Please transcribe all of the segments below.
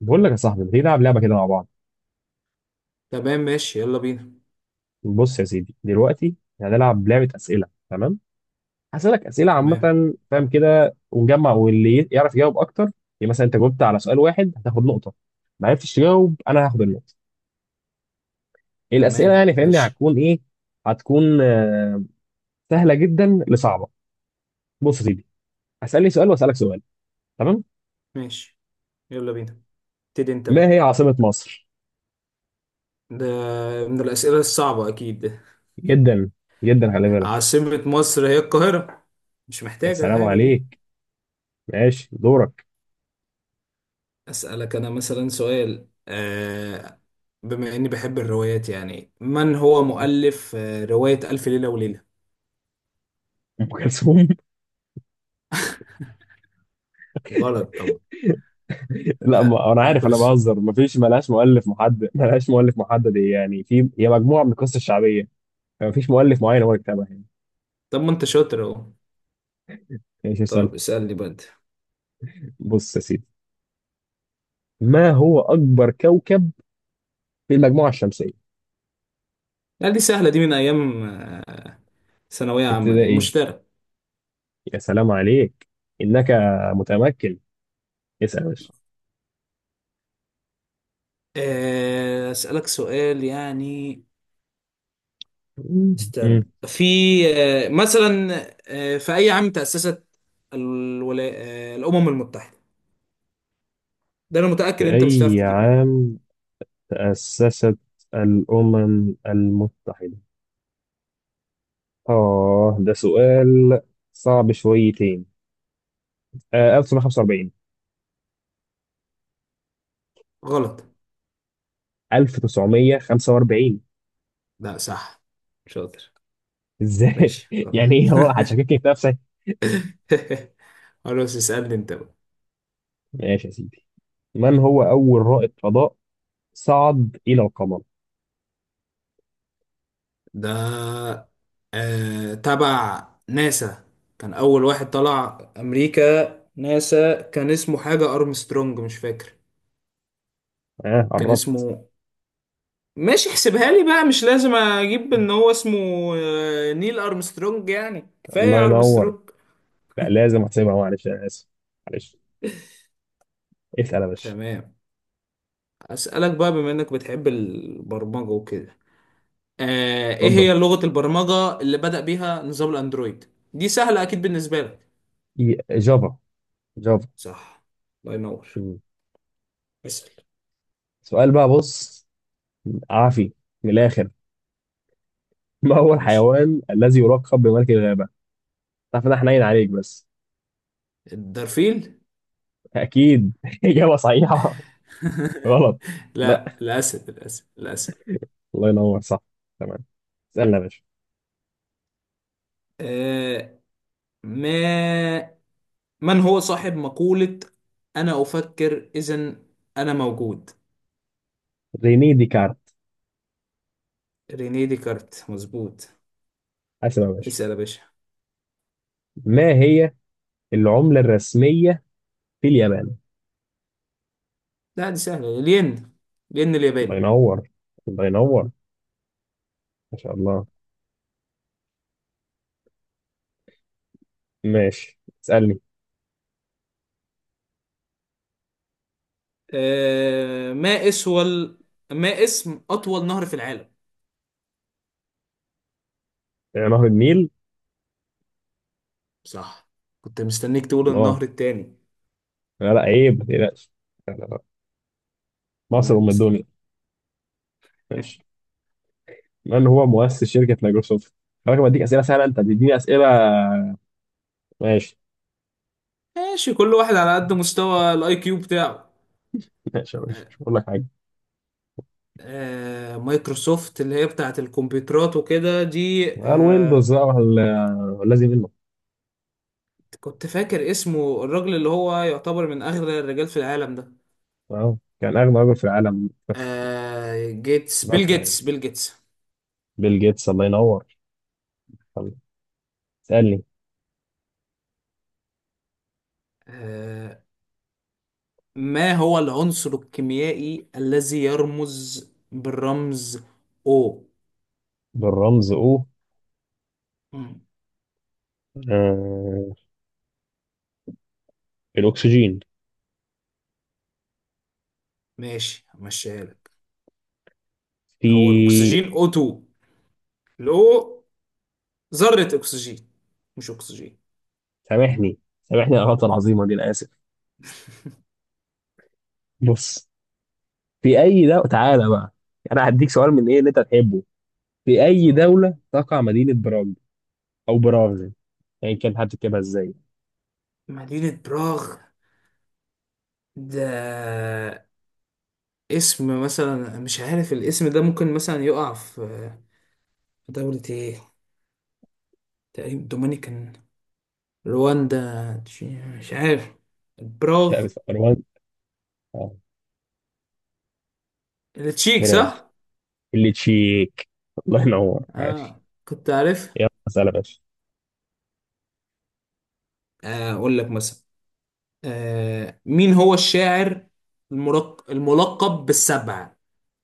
بقول لك يا صاحبي، ما تيجي نلعب لعبه كده مع بعض؟ تمام ماشي يلا بينا. بص يا سيدي، دلوقتي هنلعب لعبه اسئله، تمام؟ هسألك اسئله عامه، تمام. فاهم كده، ونجمع واللي يعرف يجاوب اكتر. يعني مثلا انت جاوبت على سؤال واحد، هتاخد نقطه. ما عرفتش تجاوب، انا هاخد النقطه. الاسئله تمام يعني فاهمني ماشي هتكون ايه؟ هتكون سهله جدا لصعبه. بص يا سيدي، هسألني سؤال واسألك سؤال، تمام؟ ماشي يلا بينا. ابتدي انت ما بقى. هي عاصمه مصر؟ ده من الأسئلة الصعبة أكيد ده. جدا، جدا خلي بالك. عاصمة مصر هي القاهرة، مش يا محتاجة سلام حاجة دي. عليك. ماشي، دورك. أسألك أنا مثلا سؤال، بما إني بحب الروايات، يعني من هو مؤلف رواية ألف ليلة وليلة؟ ام كلثوم. غلط طبعا. لا، لا، ما انا أم عارف، انا كلثوم. بهزر. مفيش، ملهاش مؤلف محدد، ملهاش مؤلف محدد، هي يعني في هي مجموعه من القصص الشعبيه. مفيش مؤلف معين هو اللي كتبها يعني. طب ما أنت شاطر أهو. ايش السالفه؟ طب اسألني بقى أنت. بص يا سيدي، ما هو اكبر كوكب في المجموعه الشمسيه؟ لا دي سهلة، دي من أيام آه، ثانوية عامة، دي ابتدائي. مشترك. يا سلام عليك. انك متمكن. اسال يا باشا. أسألك سؤال يعني. مم. مم. استنى، في آه، مثلا في أي عام تأسست الولا... آه، الأمم المتحدة؟ ده أنا في متأكد أنت مش هتعرف اي تجيبه والله. عام تاسست الامم المتحده؟ اه، ده سؤال صعب شويتين. 1945. غلط. 1945. لا صح، شاطر. ازاي ماشي يعني ايه؟ خلاص. هو هتشككني في نفسي. خلاص اسألني أنت بقى. ماشي يا سيدي، من هو اول رائد فضاء صعد الى القمر؟ ده تبع ناسا، كان أول واحد طلع أمريكا. ناسا، كان اسمه حاجة أرمسترونج، مش فاكر ها، اه كان قربت. اسمه. ماشي احسبها لي بقى، مش لازم اجيب ان هو اسمه نيل ارمسترونج، يعني الله كفايه ينور. ارمسترونج. لا، لازم احسبها، معلش، انا اسف، معلش. اسال يا باشا. تمام. اسالك بقى، بما انك بتحب البرمجه وكده، ايه اتفضل. هي لغه البرمجه اللي بدأ بيها نظام الاندرويد؟ دي سهله اكيد بالنسبه لك. جافا. جافا. صح، الله ينور. مم. اسال. سؤال بقى، بص. عافي، من الاخر. ما هو ماشي. الحيوان الذي يلقب بملك الغابه؟ تعرف ان انا حنين عليك بس. الدرفيل. اكيد. اجابه صحيحه؟ غلط. لا، لا، الاسد، الاسد، الاسد. الله ينور، صح. تمام، اسالنا يا باشا. آه ما من هو صاحب مقولة أنا أفكر إذن أنا موجود؟ ريني ديكارت. رينيه ديكارت، مظبوط. اسال يا باشا. اسأل يا باشا. ما هي العملة الرسمية في اليابان؟ لا دي سهلة، الين، الين الله الياباني. ينور. الله ينور. ما شاء الله. ماشي، اسألني. آه ما اسول ما اسم أطول نهر في العالم؟ نهر النيل. صح، كنت مستنيك تقول الله. النهر التاني. لا، لا، عيب، ما تقلقش. لا، لا، لا. مصر تمام أم بس. الدنيا. ماشي. من هو مؤسس شركة مايكروسوفت؟ خلي بالك، بديك أسئلة سهلة، أنت بتديني أسئلة. ماشي، ماشي، كل واحد على قد مستوى الاي كيو بتاعه. ماشي، ماشي آه. مش هقول لك حاجة. مايكروسوفت اللي هي بتاعت الكمبيوترات وكده دي، آه، الويندوز بقى والذي منه. كنت فاكر اسمه، الراجل اللي هو يعتبر من اغنى الرجال في العالم ده، اه، كان أغنى رجل في العالم بس آه جيتس بيل فترة يعني. جيتس بيل جيتس. بيل جيتس، الله ينور. طب اسألني. آه ما هو العنصر الكيميائي الذي يرمز بالرمز O؟ بالرمز او. مم. آه الأكسجين. ماشي همشيها لك. هو في. الاكسجين O2، الاو ذرة اكسجين، مش اكسجين. سامحني، سامحني على الغلطه العظيمه دي، انا اسف. بص، في اي دوله تعالى بقى. انا هديك سؤال من ايه اللي انت تحبه. في اي اه، دوله تقع مدينه براغ؟ او براغ يعني، يعني كان هتكتبها ازاي؟ مدينة براغ، ده اسم مثلا مش عارف، الاسم ده ممكن مثلا يقع في دولة ايه؟ تقريبا دومينيكان، رواندا، مش عارف. لا، براغ، بس اه، التشيك براغ صح؟ اللي تشيك. الله ينور، عاش. اه، كنت عارف. يلا سلام يا باشا. اقول لك مثلا، مين هو الشاعر الملقب بالسبعة؟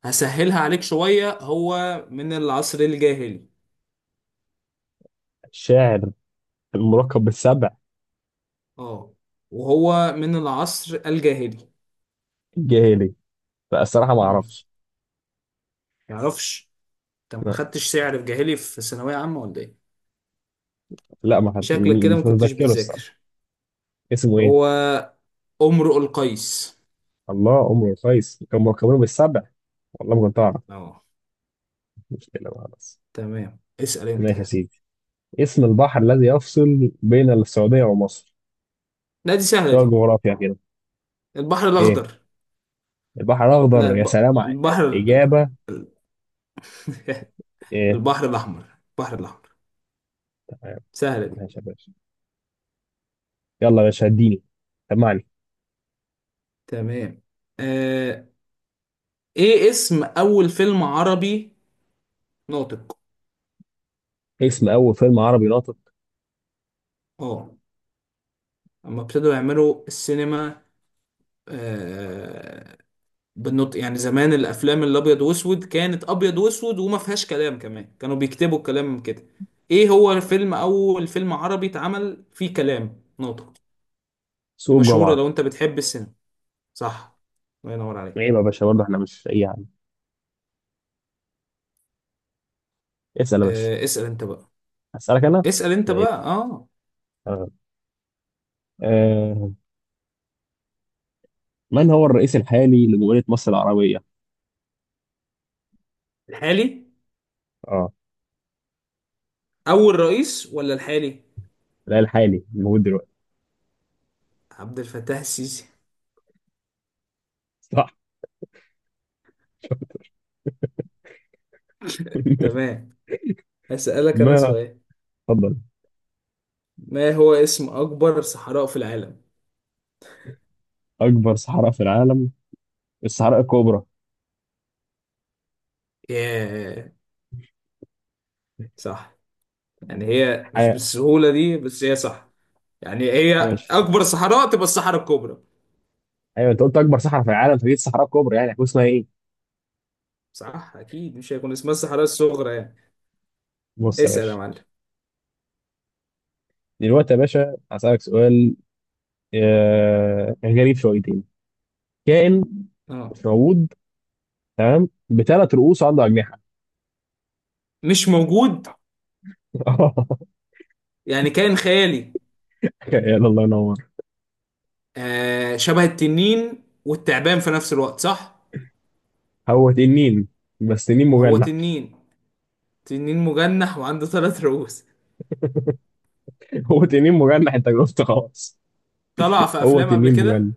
هسهلها عليك شوية، هو من العصر الجاهلي. الشاعر الملقب بالسبع. اه، وهو من العصر الجاهلي. الجاهلي. لا، الصراحه ما مم. اعرفش. يعرفش، انت ما لا، خدتش سعر في جاهلي في ثانوية عامة ولا ايه؟ لا، ما حد- شكلك كده ما مش كنتش متذكره الصراحه. بتذاكر. اسمه ايه؟ هو امرؤ القيس. الله، عمره قيس كان ملقبينه بالسبع. والله ما كنت اعرف. اه. مشكله بقى بس. تمام، اسأل انت. ماشي يا سيدي، اسم البحر الذي يفصل بين السعودية ومصر؟ لا دي سهلة شغل دي. جغرافيا كده. البحر ايه؟ الأخضر. البحر لا الأخضر، يا الب... سلام البحر ال- إجابة. ال- ايه؟ البحر الأحمر، البحر الأحمر، سهلة دي. ماشي يا باشا، يلا يا باشا اديني، سمعني. تمام. آه... ايه اسم أول فيلم عربي ناطق؟ اسم أول فيلم عربي ناطق. اه، اما ابتدوا يعملوا السينما آه... بالنطق، يعني زمان الأفلام الأبيض وأسود، كانت أبيض وأسود وما فيهاش كلام، كمان كانوا بيكتبوا الكلام كده. ايه هو الفيلم، أول فيلم عربي اتعمل فيه كلام ناطق؟ دي سوق مشهورة الجمعة. لو انت بتحب السينما. صح، الله ينور عليك. عيب يا باشا برضه، احنا مش أي حاجة. اسأل يا باشا. اسأل انت بقى. أسألك أنا. اسأل انت زي. بقى، اه. آه. آه. من هو الرئيس الحالي لجمهورية مصر العربية؟ الحالي؟ اه. اول رئيس ولا الحالي؟ لا، الحالي الموجود دلوقتي. عبد الفتاح السيسي. صح. تمام، هسألك انا ما سؤال. اتفضل. ما هو اسم اكبر صحراء في العالم؟ أكبر صحراء في العالم، الصحراء الكبرى. ياه، صح. يعني هي مش حياة. بالسهولة دي، بس هي صح. يعني هي ماشي. اكبر صحراء تبقى الصحراء الكبرى؟ ايوه، انت قلت اكبر صحراء في العالم، فدي الصحراء الكبرى، يعني هتكون اسمها ايه؟ صح، اكيد مش هيكون اسمها الصحراء الصغرى يعني. بص يا اسأل يا باشا، معلم. دلوقتي يا باشا هسألك سؤال. يعني غريب شويتين. كائن اه. مش موجود، تمام، بثلاث رؤوس، عنده أجنحة. مش موجود؟ يعني كائن خيالي. يلا الله ينور. آه، شبه التنين والتعبان في نفس الوقت، صح؟ هو تنين، بس تنين هو مجنح. تنين، تنين مجنح وعنده ثلاث رؤوس. هو تنين مجنح، انت جاوبت خلاص. طلع في هو افلام قبل تنين كده. مجنح،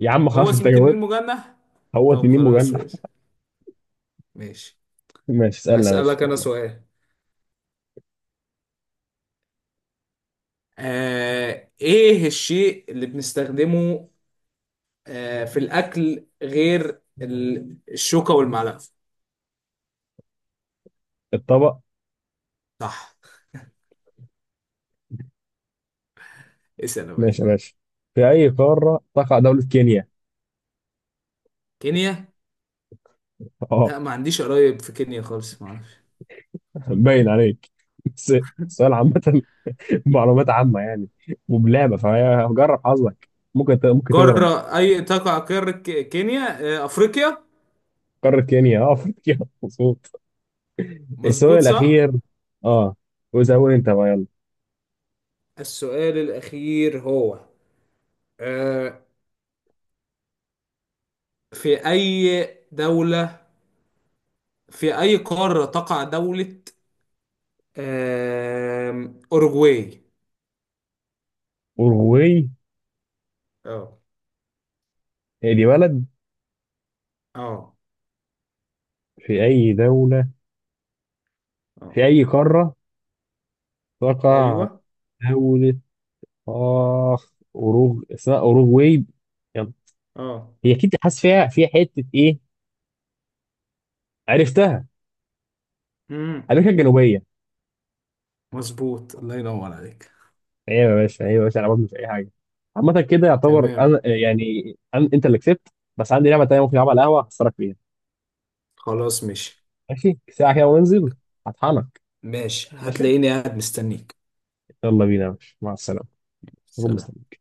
يا عم هو خلاص انت اسمه تنين جاوبت. مجنح. هو طب تنين خلاص مجنح. ماشي، ماشي. ماشي، اسألنا يا باشا هسألك انا يلا. سؤال. ايه الشيء اللي بنستخدمه في الاكل غير الشوكة والمعلقة؟ الطبق. صح، اسأل يا باشا. ماشي يا باشا، في أي قارة تقع دولة كينيا؟ كينيا؟ لا ما عنديش قرايب في كينيا خالص، ما اعرفش. باين عليك. بس السؤال عامة، معلومات عامة يعني، وبلعبة فهي هجرب حظك. ممكن تضرب. قارة اي تقع، قارة كينيا، آه، افريقيا. قارة كينيا، اه افريقيا. مظبوط. السؤال مظبوط صح؟ الأخير. اه، وزود انت بقى، يلا. السؤال الأخير هو آه في أي دولة، في أي قارة تقع دولة أوروغواي؟ أوروغواي. اه. هي دي بلد. اه. في أي دولة، اه. في أي قارة تقع أيوه. دولة اخ أوروغ اسمها أوروغواي. يلا، اه. هي أكيد حاسس فيها، فيها حتة إيه. عرفتها. مم. أمريكا الجنوبية. مظبوط، الله ينور عليك. ايوه يا باشا، ايوه يا باشا، انا برضه مش اي حاجه. عامه كده يعتبر تمام، انا يعني، أنا انت اللي كسبت. بس عندي لعبه تانيه ممكن العبها على القهوه، هخسرك فيها. خلاص ماشي. ماشي ساعه كده وانزل، هطحنك. ماشي، ماشي، هتلاقيني قاعد مستنيك. يلا بينا يا باشا، مع السلامه. أكون سلام. مستنيك.